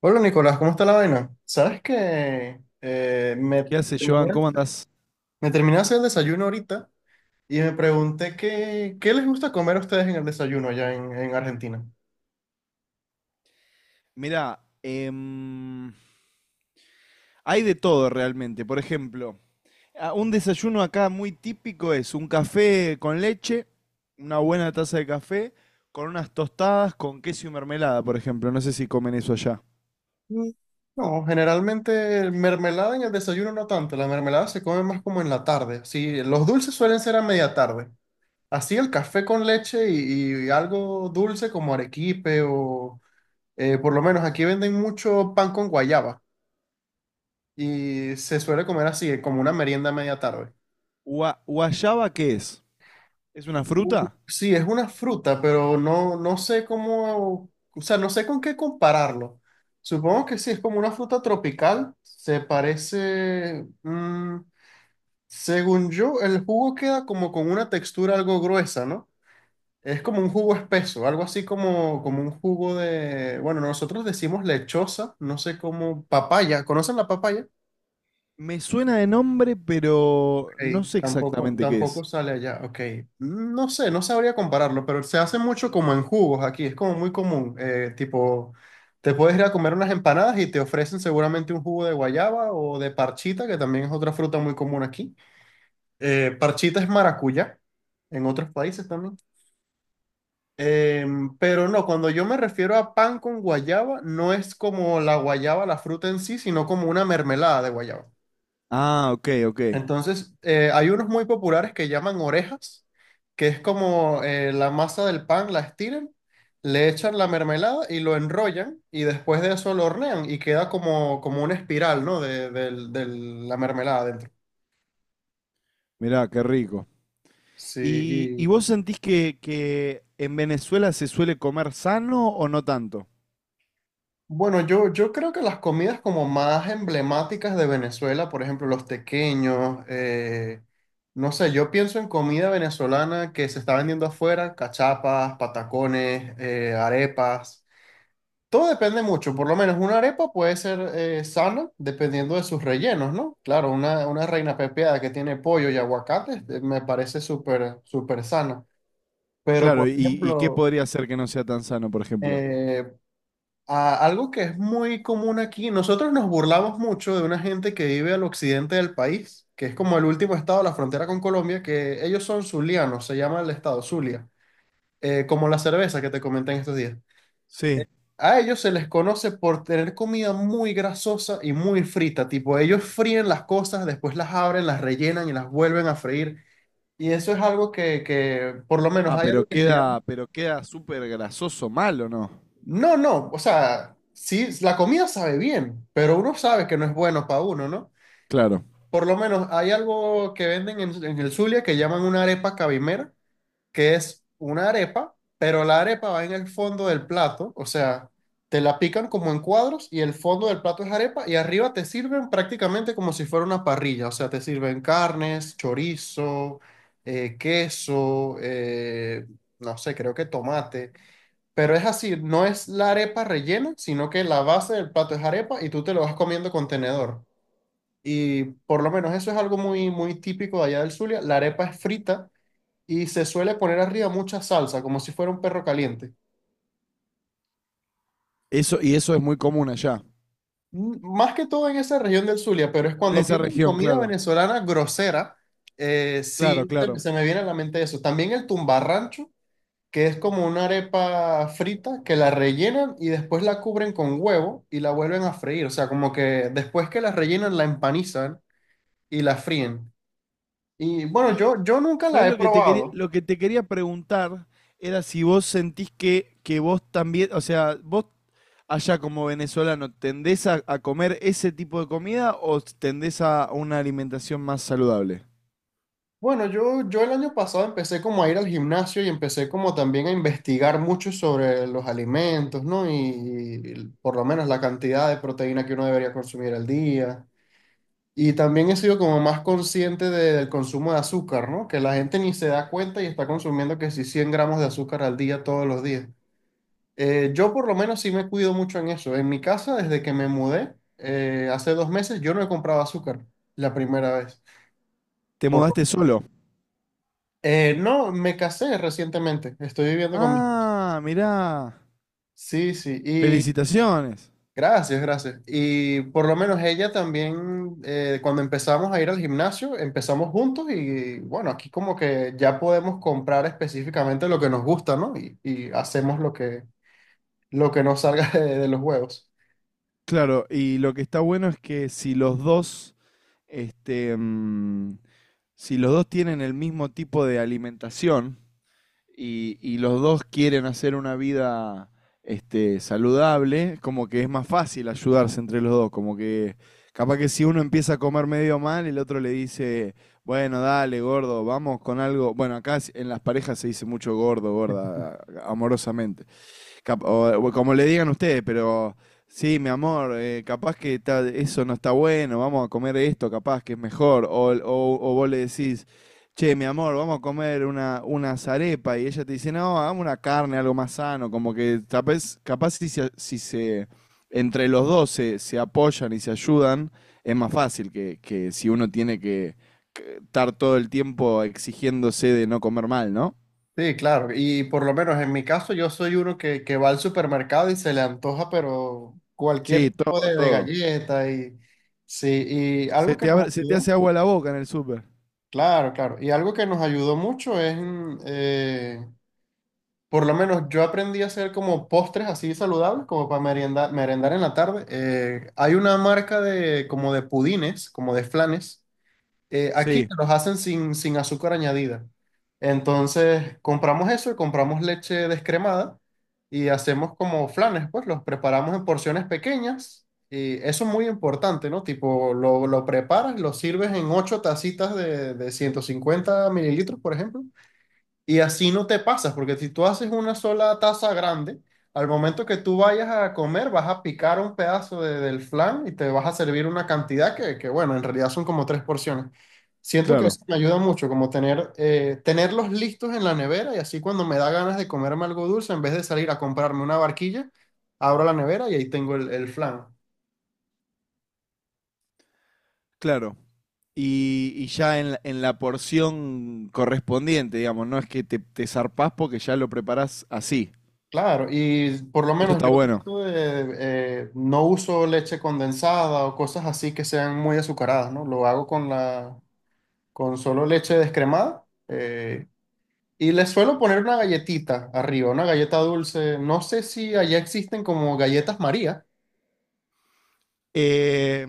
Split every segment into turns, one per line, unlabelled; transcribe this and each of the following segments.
Hola Nicolás, ¿cómo está la vaina? Sabes que
¿Qué hace,
terminé
Joan? ¿Cómo andás?
me terminé de hacer el desayuno ahorita y me pregunté qué les gusta comer a ustedes en el desayuno en Argentina.
Mirá, hay de todo realmente. Por ejemplo, un desayuno acá muy típico es un café con leche, una buena taza de café, con unas tostadas con queso y mermelada, por ejemplo. No sé si comen eso allá.
Mm, no, generalmente mermelada en el desayuno no tanto, la mermelada se come más como en la tarde. Sí, los dulces suelen ser a media tarde. Así el café con leche y algo dulce como arequipe o por lo menos aquí venden mucho pan con guayaba y se suele comer así, como una merienda a media tarde.
¿Guayaba qué es? ¿Es una fruta?
Sí, es una fruta, pero no sé cómo, o sea, no sé con qué compararlo. Supongo que sí, es como una fruta tropical. Se parece, mm, según yo, el jugo queda como con una textura algo gruesa, ¿no? Es como un jugo espeso, algo así como un jugo de, bueno, nosotros decimos lechosa, no sé cómo, papaya, ¿conocen la papaya?
Me suena de nombre, pero
Ey,
no sé exactamente qué
tampoco
es.
sale allá. Ok. No sé, no sabría compararlo, pero se hace mucho como en jugos aquí. Es como muy común. Tipo, te puedes ir a comer unas empanadas y te ofrecen seguramente un jugo de guayaba o de parchita, que también es otra fruta muy común aquí. Parchita es maracuyá en otros países también. Pero no, cuando yo me refiero a pan con guayaba, no es como la guayaba, la fruta en sí, sino como una mermelada de guayaba.
Ah, ok, ok.
Entonces, hay unos muy populares que llaman orejas, que es como la masa del pan, la estiran, le echan la mermelada y lo enrollan y después de eso lo hornean y queda como una espiral, ¿no? De la mermelada adentro.
Mirá, qué rico.
Sí,
¿Y,
y
vos sentís que, en Venezuela se suele comer sano o no tanto?
bueno, yo creo que las comidas como más emblemáticas de Venezuela, por ejemplo, los tequeños, no sé, yo pienso en comida venezolana que se está vendiendo afuera, cachapas, patacones, arepas. Todo depende mucho, por lo menos una arepa puede ser sana dependiendo de sus rellenos, ¿no? Claro, una reina pepiada que tiene pollo y aguacate me parece súper sana. Pero,
Claro,
por
y qué
ejemplo,
podría hacer que no sea tan sano, por ejemplo?
eh, algo que es muy común aquí, nosotros nos burlamos mucho de una gente que vive al occidente del país, que es como el último estado de la frontera con Colombia, que ellos son zulianos, se llama el estado Zulia, como la cerveza que te comenté en estos días. Eh,
Sí.
A ellos se les conoce por tener comida muy grasosa y muy frita, tipo ellos fríen las cosas, después las abren, las rellenan y las vuelven a freír. Y eso es algo que por lo menos
Ah,
hay algo que se llama...
pero queda súper grasoso mal, ¿o no?
No, no, o sea, sí, la comida sabe bien, pero uno sabe que no es bueno para uno, ¿no?
Claro.
Por lo menos hay algo que venden en el Zulia que llaman una arepa cabimera que es una arepa, pero la arepa va en el fondo del plato, o sea, te la pican como en cuadros y el fondo del plato es arepa y arriba te sirven prácticamente como si fuera una parrilla, o sea, te sirven carnes, chorizo, queso, no sé, creo que tomate, pero es así, no es la arepa rellena, sino que la base del plato es arepa y tú te lo vas comiendo con tenedor. Y por lo menos eso es algo muy típico de allá del Zulia. La arepa es frita y se suele poner arriba mucha salsa, como si fuera un perro caliente.
Eso, y eso es muy común allá.
Más que todo en esa región del Zulia, pero es
En
cuando
esa
pienso en
región,
comida
claro.
venezolana grosera,
Claro,
sí
claro.
se me viene a la mente eso. También el tumbarrancho, que es como una arepa frita que la rellenan y después la cubren con huevo y la vuelven a freír. O sea, como que después que la rellenan, la empanizan y la fríen. Y bueno,
Y,
yo nunca la
¿sabes
he
lo que te quería,
probado.
lo que te quería preguntar? Era si vos sentís que vos también, o sea, vos allá como venezolano, ¿tendés a comer ese tipo de comida o tendés a una alimentación más saludable?
Bueno, yo el año pasado empecé como a ir al gimnasio y empecé como también a investigar mucho sobre los alimentos, ¿no? Y por lo menos la cantidad de proteína que uno debería consumir al día. Y también he sido como más consciente del consumo de azúcar, ¿no? Que la gente ni se da cuenta y está consumiendo que si 100 gramos de azúcar al día todos los días. Yo por lo menos sí me cuido mucho en eso. En mi casa, desde que me mudé, hace 2 meses, yo no he comprado azúcar la primera vez.
¿Te mudaste solo?
No, me casé recientemente. Estoy viviendo con mi esposa.
Ah, mirá.
Sí, sí. Y
Felicitaciones.
gracias, gracias. Y por lo menos ella también, cuando empezamos a ir al gimnasio, empezamos juntos y bueno, aquí como que ya podemos comprar específicamente lo que nos gusta, ¿no? Y hacemos lo que nos salga de los huevos.
Claro, y lo que está bueno es que si los dos, este, mm, si los dos tienen el mismo tipo de alimentación, y los dos quieren hacer una vida este, saludable, como que es más fácil ayudarse entre los dos, como que capaz que si uno empieza a comer medio mal, el otro le dice, bueno, dale, gordo, vamos con algo. Bueno, acá en las parejas se dice mucho gordo, gorda, amorosamente. O como le digan ustedes, pero sí, mi amor, capaz que eso no está bueno, vamos a comer esto, capaz que es mejor. O, o vos le decís, che, mi amor, vamos a comer una arepa y ella te dice, no, hagamos una carne, algo más sano, como que capaz, capaz si, si se, entre los dos se, se apoyan y se ayudan, es más fácil que si uno tiene que estar todo el tiempo exigiéndose de no comer mal, ¿no?
Sí, claro. Y por lo menos en mi caso, yo soy uno que va al supermercado y se le antoja, pero cualquier
Sí, todo,
tipo de
todo.
galleta y sí. Y algo que nos
Se te hace
ayudó.
agua la boca en el súper.
Claro, claro. Y algo que nos ayudó mucho es por lo menos yo aprendí a hacer como postres así saludables, como para merendar en la tarde. Hay una marca de como de pudines, como de flanes aquí
Sí,
que los hacen sin azúcar añadida. Entonces, compramos eso y compramos leche descremada y hacemos como flanes, pues los preparamos en porciones pequeñas y eso es muy importante, ¿no? Tipo, lo preparas, lo sirves en 8 tacitas de 150 mililitros, por ejemplo, y así no te pasas, porque si tú haces una sola taza grande, al momento que tú vayas a comer, vas a picar un pedazo del flan y te vas a servir una cantidad bueno, en realidad son como tres porciones. Siento que
claro.
eso me ayuda mucho, como tener, tenerlos listos en la nevera y así cuando me da ganas de comerme algo dulce, en vez de salir a comprarme una barquilla, abro la nevera y ahí tengo el flan.
claro. Y ya en, en la porción correspondiente, digamos, no es que te zarpás porque ya lo preparás así.
Claro, y por lo
Eso
menos
está
yo
bueno.
trato de no uso leche condensada o cosas así que sean muy azucaradas, ¿no? Lo hago con con solo leche descremada, eh, y le suelo poner una galletita arriba, una galleta dulce. No sé si allá existen como galletas María.
Eh,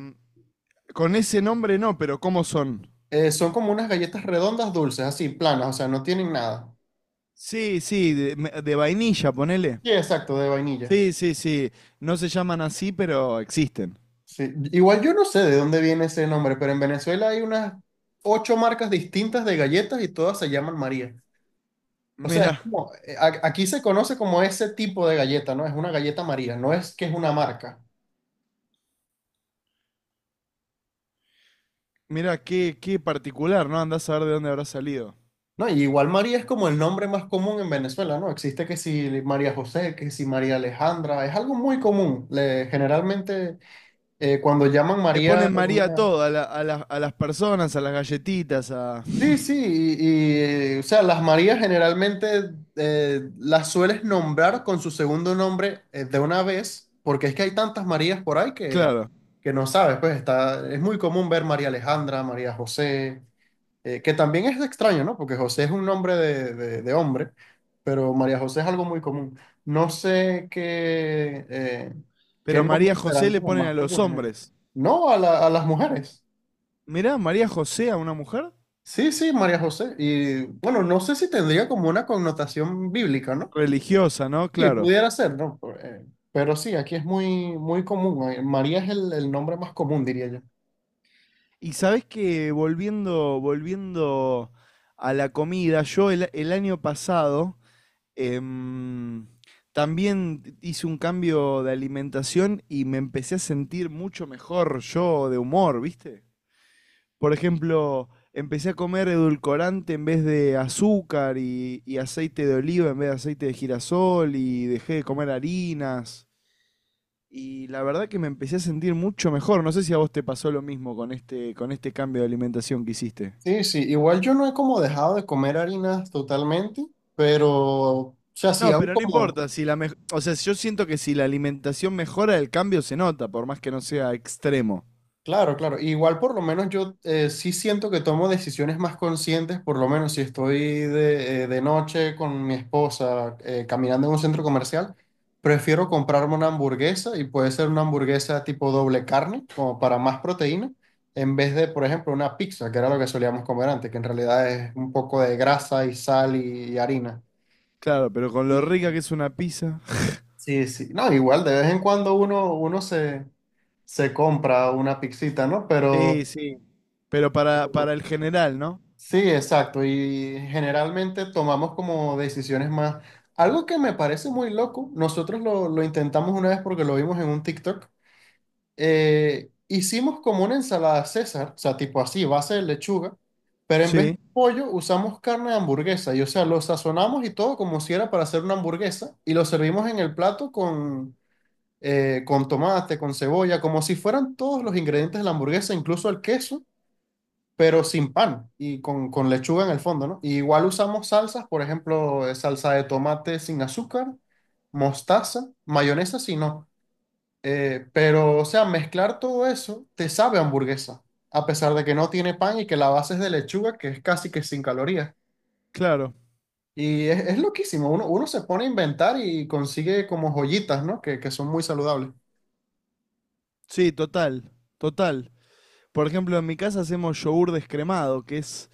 con ese nombre no, pero ¿cómo son?
Son como unas galletas redondas dulces, así, planas, o sea, no tienen nada.
Sí, sí, de, de vainilla, ponele.
Sí, exacto, de vainilla.
Sí, sí, sí. No se llaman así, pero existen.
Sí. Igual yo no sé de dónde viene ese nombre, pero en Venezuela hay unas 8 marcas distintas de galletas y todas se llaman María. O sea, es
Mira,
como, aquí se conoce como ese tipo de galleta, ¿no? Es una galleta María, no es que es una marca,
qué, qué particular, ¿no? Andás a ver de dónde habrá salido.
¿no? Y igual María es como el nombre más común en Venezuela, ¿no? Existe que si María José, que si María Alejandra, es algo muy común. Generalmente cuando llaman
Le
María a
ponen María a
una...
todo, a, a las personas, a las galletitas, a...
Sí, sí, o sea, las Marías generalmente las sueles nombrar con su segundo nombre de una vez, porque es que hay tantas Marías por ahí
Claro.
que no sabes, pues está, es muy común ver María Alejandra, María José, que también es extraño, ¿no? Porque José es un nombre de hombre, pero María José es algo muy común. No sé qué, qué
Pero María
nombres
José
serán
le
como
ponen
más
a los
comunes.
hombres.
No, a las mujeres.
Mirá, María José a una mujer
Sí, sí, María José. Y bueno, no sé si tendría como una connotación bíblica, ¿no?
religiosa, ¿no?
Y
Claro.
pudiera ser, ¿no? Por- pero sí, aquí es muy, muy común. María es el nombre más común, diría yo.
Y sabés que volviendo, volviendo a la comida, yo el año pasado em, también hice un cambio de alimentación y me empecé a sentir mucho mejor yo de humor, ¿viste? Por ejemplo, empecé a comer edulcorante en vez de azúcar y aceite de oliva en vez de aceite de girasol y dejé de comer harinas. Y la verdad que me empecé a sentir mucho mejor. No sé si a vos te pasó lo mismo con este cambio de alimentación que hiciste.
Sí, sí, igual yo no he como dejado de comer harinas totalmente, pero, o sea, sí
No,
hago
pero no
como...
importa, si la o sea, yo siento que si la alimentación mejora, el cambio se nota, por más que no sea extremo.
Claro, claro. Igual por lo menos yo sí siento que tomo decisiones más conscientes, por lo menos si estoy de noche con mi esposa caminando en un centro comercial, prefiero comprarme una hamburguesa y puede ser una hamburguesa tipo doble carne, como para más proteína, en vez de, por ejemplo, una pizza, que era lo que solíamos comer antes, que en realidad es un poco de grasa y sal y harina.
Claro, pero con lo
Sí,
rica que es una pizza.
sí. Sí. No, igual de vez en cuando uno se, se compra una pizzita, ¿no? Pero...
Sí, sí. Pero para el general, ¿no?
Sí, exacto. Y generalmente tomamos como decisiones más. Algo que me parece muy loco, nosotros lo intentamos una vez porque lo vimos en un TikTok. Hicimos como una ensalada César, o sea, tipo así, base de lechuga, pero en vez de
Sí,
pollo usamos carne de hamburguesa. Y o sea, lo sazonamos y todo como si era para hacer una hamburguesa y lo servimos en el plato con tomate, con cebolla, como si fueran todos los ingredientes de la hamburguesa, incluso el queso pero sin pan y con lechuga en el fondo, ¿no? Y igual usamos salsas, por ejemplo, salsa de tomate sin azúcar, mostaza, mayonesa si no. Pero, o sea, mezclar todo eso te sabe a hamburguesa, a pesar de que no tiene pan y que la base es de lechuga, que es casi que sin calorías.
claro.
Y es loquísimo, uno se pone a inventar y consigue como joyitas, ¿no? Que son muy saludables.
Sí, total, total. Por ejemplo, en mi casa hacemos yogur descremado, que es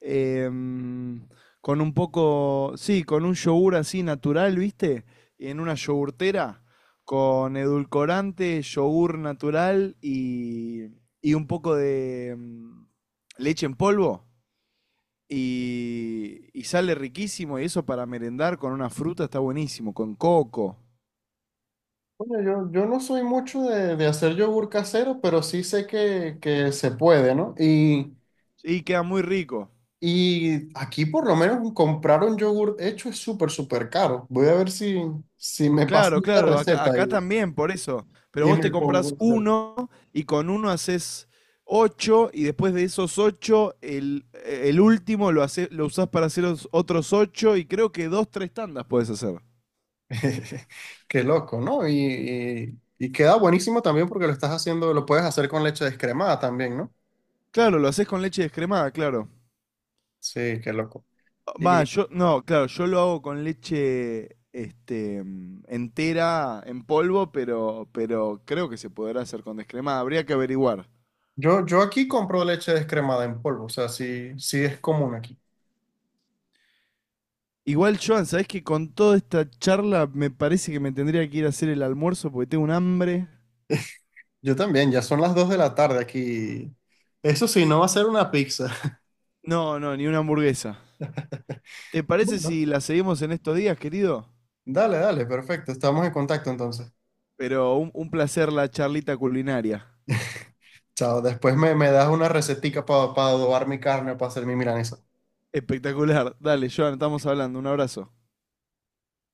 em, con un poco, sí, con un yogur así natural, ¿viste? En una yogurtera, con edulcorante, yogur natural y un poco de leche en polvo. Y sale riquísimo y eso para merendar con una fruta está buenísimo, con coco.
Bueno, yo no soy mucho de hacer yogur casero, pero sí sé que se puede, ¿no? Y
Sí, queda muy rico.
y aquí por lo menos comprar un yogur hecho es súper caro. Voy a ver si, si me
Claro,
pasan esa
claro, acá,
receta
acá también, por eso. Pero
y
vos
me
te
pongo
comprás
a hacer.
uno y con uno haces ocho y después de esos ocho, el último lo usás para hacer otros ocho y creo que dos, tres tandas puedes hacer.
Qué loco, ¿no? Y queda buenísimo también porque lo estás haciendo, lo puedes hacer con leche descremada también, ¿no?
Claro, lo haces con leche descremada, claro.
Sí, qué loco.
Va,
Y
yo, no, claro, yo lo hago con leche entera en polvo, pero creo que se podrá hacer con descremada. Habría que averiguar.
yo aquí compro leche descremada en polvo, o sea, sí, sí es común aquí.
Igual, Joan, ¿sabés que con toda esta charla me parece que me tendría que ir a hacer el almuerzo porque tengo un hambre?
Yo también, ya son las 2 de la tarde aquí. Eso sí, no va a ser una pizza.
No, no, ni una hamburguesa. ¿Te parece
Bueno,
si la seguimos en estos días, querido?
dale, dale, perfecto, estamos en contacto entonces.
Pero un placer la charlita culinaria.
Chao, después me das una recetica para adobar mi carne o para hacer mi milanesa.
Espectacular. Dale, Joan, estamos hablando. Un abrazo.